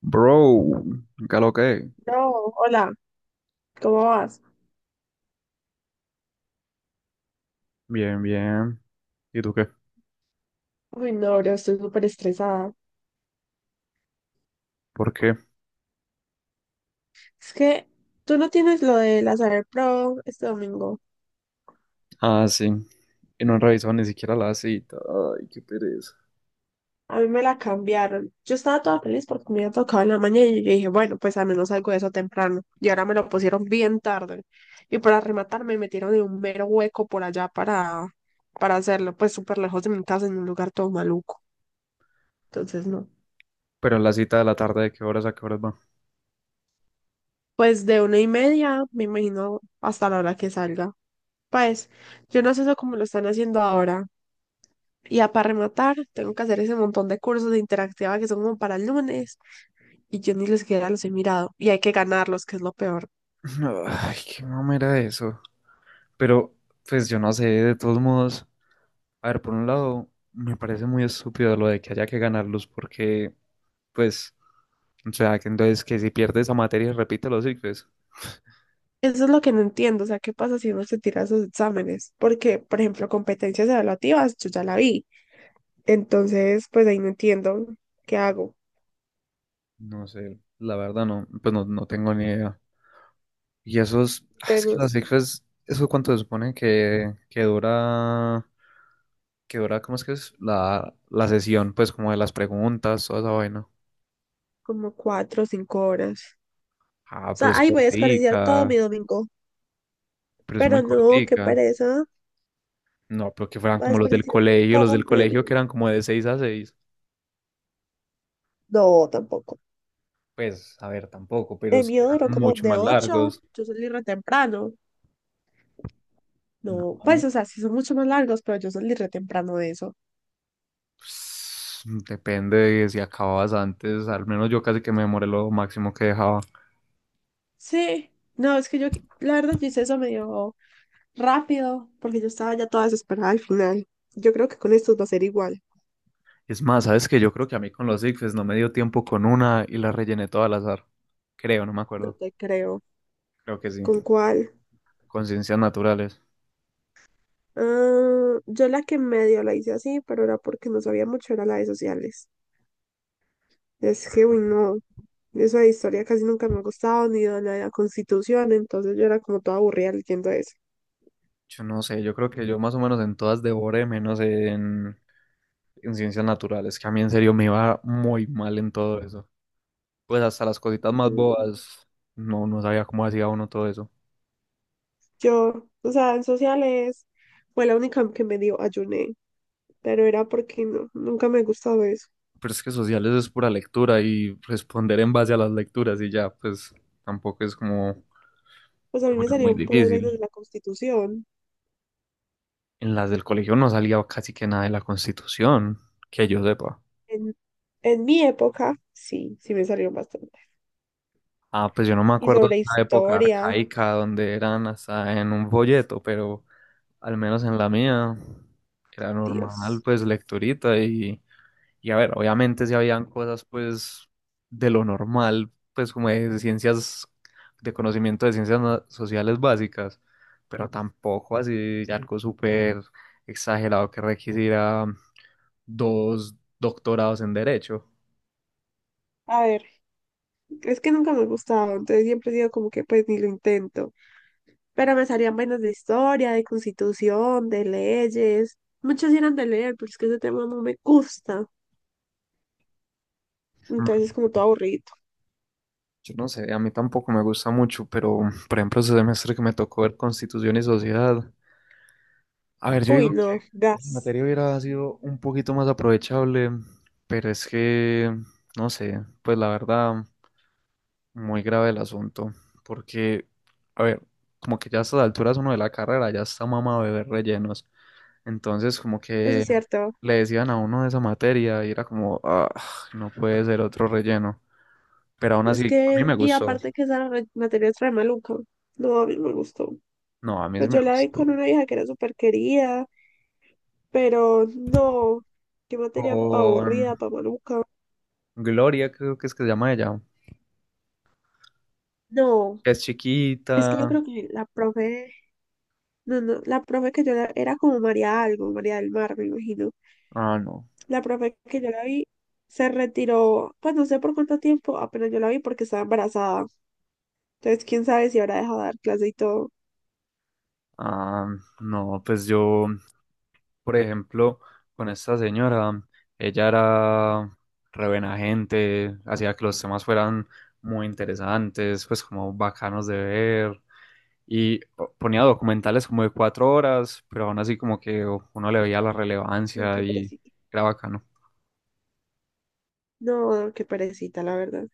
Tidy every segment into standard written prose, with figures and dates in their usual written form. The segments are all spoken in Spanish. Bro, ¿qué lo que? No, hola, ¿cómo vas? Bien, bien. ¿Y tú qué? Uy, no, yo estoy súper estresada. ¿Por qué? Es que tú no tienes lo de la Saber Pro este domingo. Ah, sí. Y no han revisado ni siquiera la cita. Ay, qué pereza. A mí me la cambiaron. Yo estaba toda feliz porque me había tocado en la mañana y yo dije, bueno, pues al menos algo de eso temprano. Y ahora me lo pusieron bien tarde. Y para rematar me metieron en un mero hueco por allá para hacerlo, pues súper lejos de mi casa, en un lugar todo maluco. Entonces, no. Pero en la cita de la tarde, ¿de qué horas a qué horas va? Pues de 1:30, me imagino, hasta la hora que salga. Pues, yo no sé eso cómo lo están haciendo ahora. Y ya para rematar, tengo que hacer ese montón de cursos de interactiva que son como para el lunes y yo ni les siquiera los he mirado. Y hay que ganarlos, que es lo peor. Ay, qué mamera eso. Pero, pues yo no sé, Sí. de todos modos. A ver, por un lado, me parece muy estúpido lo de que haya que ganarlos, porque, pues, o sea, que entonces que si pierdes esa materia, repite los pues. Eso es lo que no entiendo, o sea, ¿qué pasa si uno se tira esos exámenes? Porque, por ejemplo, competencias evaluativas, yo ya la vi. Entonces, pues ahí no entiendo qué hago. No sé, la verdad no, pues no, no tengo ni idea. Y esos, ah, es que Tengo las cifras, ¿eso cuánto se supone que dura, que dura, ¿cómo es que es? La sesión, pues como de las preguntas, toda esa vaina. como 4 o 5 horas. Ah, O pero sea, es ahí voy a desperdiciar todo mi cortica, domingo. pero es muy Pero no, qué cortica. pereza. No, pero que fueran Voy a como desperdiciar los del todo mi colegio que domingo. eran como de 6 a 6. No, tampoco. Pues, a ver, tampoco, pero El sí mío duró eran como mucho de más 8, largos. yo salí re temprano. No, pues, No, o sea, sí son mucho más largos, pero yo salí re temprano de eso. pues, depende de si acababas antes, al menos yo casi que me demoré lo máximo que dejaba. Sí, no, es que yo, la verdad, yo hice eso medio rápido, porque yo estaba ya toda desesperada al final. Yo creo que con estos va a ser igual, Es más, sabes que yo creo que a mí con los ICFES no me dio tiempo con una y la rellené toda al azar. Creo, no me no acuerdo. te creo. Creo que sí. ¿Con cuál? Con ciencias naturales. Ah, yo la que medio la hice así, pero era porque no sabía mucho, era la de sociales. Es que, uy, no, eso de historia casi nunca me ha gustado, ni de la Constitución, entonces yo era como toda aburrida leyendo eso. Yo no sé, yo creo que yo más o menos en todas devoré, menos en ciencias naturales, que a mí en serio me iba muy mal en todo eso. Pues hasta las cositas más bobas, no, no sabía cómo hacía uno todo eso. Yo, o sea, en sociales fue la única que medio ayuné, pero era porque no, nunca me gustaba eso. Pero es que sociales es pura lectura y responder en base a las lecturas y ya, pues tampoco es como que Pues a mí me fuera muy salieron puras vainas de difícil. la Constitución. En las del colegio no salía casi que nada de la Constitución, que yo sepa. En, en mi época, sí, sí me salieron bastante. Ah, pues yo no me Y acuerdo de sobre esa época historia, arcaica donde eran hasta en un folleto, pero al menos en la mía era normal, Dios. pues lecturita y a ver, obviamente si habían cosas pues de lo normal, pues como de ciencias, de conocimiento de ciencias na- sociales básicas, pero tampoco así algo súper exagerado que requisiera dos doctorados en derecho. A ver, es que nunca me gustaba, entonces siempre digo como que pues ni lo intento. Pero me salían vainas de historia, de constitución, de leyes. Muchos eran de leer, pero es que ese tema no me gusta. Mm, Entonces es como todo aburrido. yo no sé, a mí tampoco me gusta mucho, pero por ejemplo, ese semestre que me tocó ver Constitución y Sociedad, a ver, yo digo Uy, que no, esa gas. materia hubiera sido un poquito más aprovechable, pero es que, no sé, pues la verdad, muy grave el asunto, porque, a ver, como que ya a estas alturas uno de la carrera ya está mamado de ver rellenos, entonces como Eso que es cierto. le decían a uno de esa materia y era como, ah, no puede ser otro relleno, pero aún Es así, a mí que, me y gustó, aparte que esa materia es re maluca. No, a mí no me gustó. no, a mí sí Pues me yo la vi gustó. con una hija que era súper querida, pero no, qué materia pa' Con aburrida, pa' maluca. Gloria, creo que es que se llama ella, No, que es es que yo chiquita. creo que la profe, no, no, la profe que yo la, era como María algo, María del Mar, me imagino. Ah, no. La profe que yo la vi se retiró, pues no sé por cuánto tiempo, apenas yo la vi porque estaba embarazada. Entonces, quién sabe si habrá dejado de dar clase y todo. Ah, no, pues yo, por ejemplo, con esta señora, ella era re buena gente, hacía que los temas fueran muy interesantes, pues como bacanos de ver. Y po- ponía documentales como de 4 horas, pero aún así como que uno le veía la Ay, relevancia qué y perecita. era bacano. No, qué perecita, la verdad.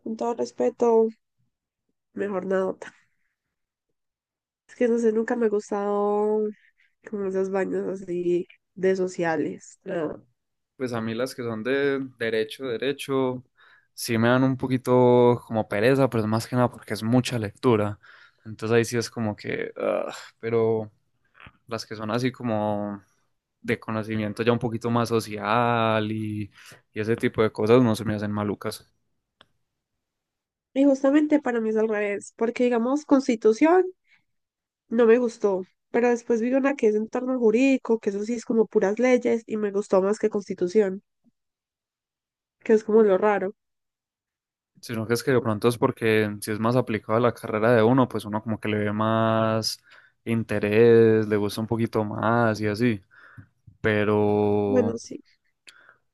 Con todo respeto, mejor nadota. Es que no sé, nunca me ha gustado como esos baños así de sociales. ¿No? Pues a mí las que son de derecho, derecho, sí me dan un poquito como pereza, pero es más que nada porque es mucha lectura. Entonces ahí sí es como que, ah, pero las que son así como de conocimiento ya un poquito más social y ese tipo de cosas no se me hacen malucas. Y justamente para mí es al revés, porque digamos Constitución no me gustó, pero después vi una que es entorno jurídico, que eso sí es como puras leyes y me gustó más que Constitución, que es como lo raro. Sino que es que de pronto es porque si es más aplicado a la carrera de uno, pues uno como que le ve más interés, le gusta un poquito más y así. Pero Bueno, sí,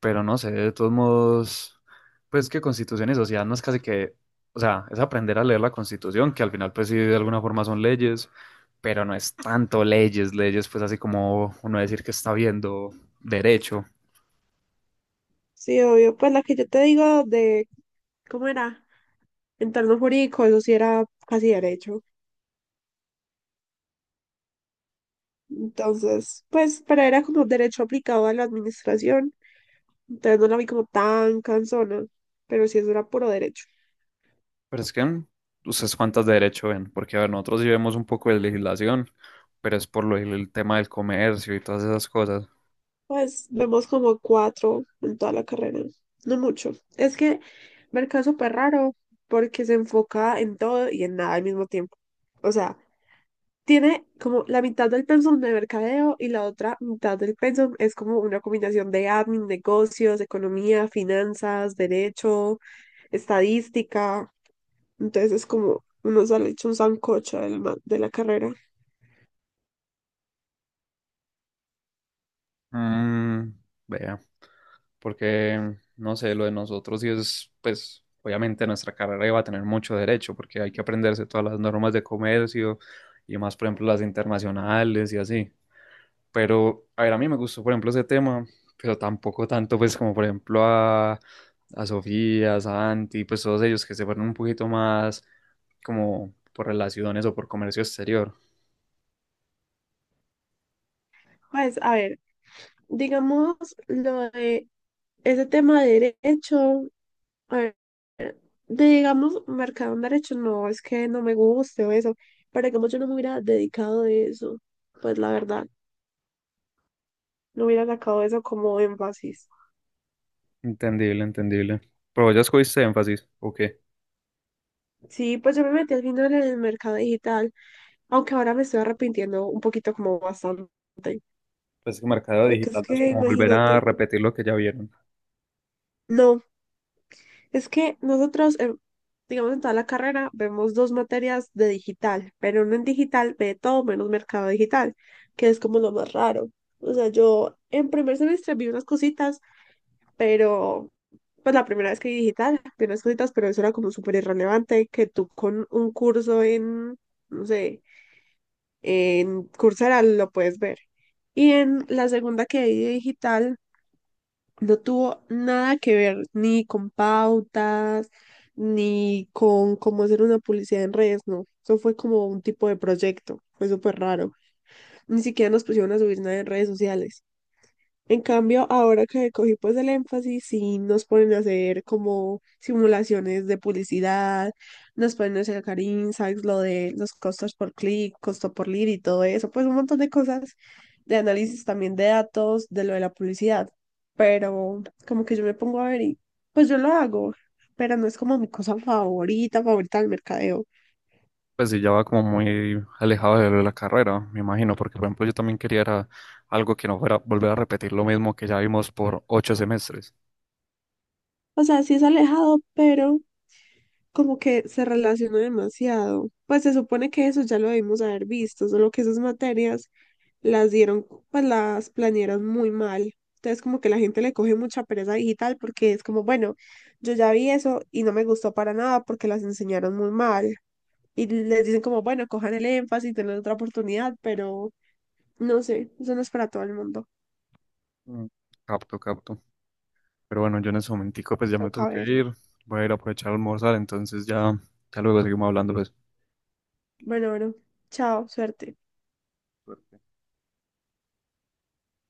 Pero no sé, de todos modos, pues que Constitución y sociedad no es casi que, o sea, es aprender a leer la Constitución, que al final pues sí de alguna forma son leyes, pero no es tanto leyes, leyes pues así como uno decir que está viendo derecho. sí, obvio. Pues la que yo te digo de, ¿cómo era? Entorno jurídico, eso sí era casi derecho. Entonces, pues, pero era como derecho aplicado a la administración. Entonces no la vi como tan cansona, pero sí es dura puro derecho. Pero es que mm, ustedes cuántas de derecho ven, porque a ver, nosotros sí vemos un poco de legislación, pero es por lo, el tema del comercio y todas esas cosas. Pues vemos como cuatro en toda la carrera, no mucho. Es que Mercado es súper raro porque se enfoca en todo y en nada al mismo tiempo. O sea, tiene como la mitad del pensum de mercadeo y la otra mitad del pensum es como una combinación de admin, negocios, economía, finanzas, derecho, estadística. Entonces es como uno sale hecho un sancocho de la carrera. Mm, vea. Porque, no sé, lo de nosotros sí es, pues, obviamente nuestra carrera iba a tener mucho derecho, porque hay que aprenderse todas las normas de comercio y más, por ejemplo, las internacionales y así. Pero, a ver, a mí me gustó, por ejemplo, ese tema, pero tampoco tanto, pues, como por ejemplo a Sofía, a Santi, pues todos ellos que se fueron un poquito más como por relaciones o por comercio exterior. Pues a ver. Digamos, lo de ese tema de derecho, a ver, de, digamos, marcado en derecho, no, es que no me guste o eso, pero digamos yo no me hubiera dedicado de eso, pues la verdad, no hubiera sacado eso como énfasis. Entendible, entendible. Pero ya escogiste énfasis, ¿o qué? Sí, pues yo me metí al final en el mercado digital, aunque ahora me estoy arrepintiendo un poquito como bastante, Pues que mercado porque es digital no es que como volver a imagínate, repetir lo que ya vieron. no. Es que nosotros, digamos, en toda la carrera vemos 2 materias de digital, pero uno en digital ve todo menos mercado digital, que es como lo más raro. O sea, yo en primer semestre vi unas cositas, pero pues la primera vez que vi digital vi unas cositas, pero eso era como súper irrelevante, que tú con un curso en, no sé, en Coursera lo puedes ver. Y en la segunda que vi de digital no tuvo nada que ver ni con pautas, ni con cómo hacer una publicidad en redes, no. Eso fue como un tipo de proyecto, fue súper raro. Ni siquiera nos pusieron a subir nada en redes sociales. En cambio, ahora que cogí pues el énfasis, sí nos ponen a hacer como simulaciones de publicidad, nos ponen a sacar insights, lo de los costos por clic, costo por lead y todo eso, pues un montón de cosas de análisis también de datos, de lo de la publicidad. Pero como que yo me pongo a ver y pues yo lo hago, pero no es como mi cosa favorita, favorita del mercadeo. Pues sí, ya va como muy alejado de la carrera, me imagino, porque por ejemplo yo también quería era algo que no fuera volver a repetir lo mismo que ya vimos por 8 semestres. O sea, sí es alejado, pero como que se relaciona demasiado. Pues se supone que eso ya lo debimos haber visto, solo que esas materias las dieron, pues las planearon muy mal. Entonces como que la gente le coge mucha pereza digital porque es como, bueno, yo ya vi eso y no me gustó para nada porque las enseñaron muy mal. Y les dicen como, bueno, cojan el énfasis, tengan otra oportunidad, pero no sé, eso no es para todo el mundo. Mm, capto, capto. Pero bueno, yo en ese momentico pues ya me tengo Toca que ver. ir, voy a ir a aprovechar a almorzar, entonces ya, ya luego seguimos hablando Bueno, bueno, chao, suerte. pues.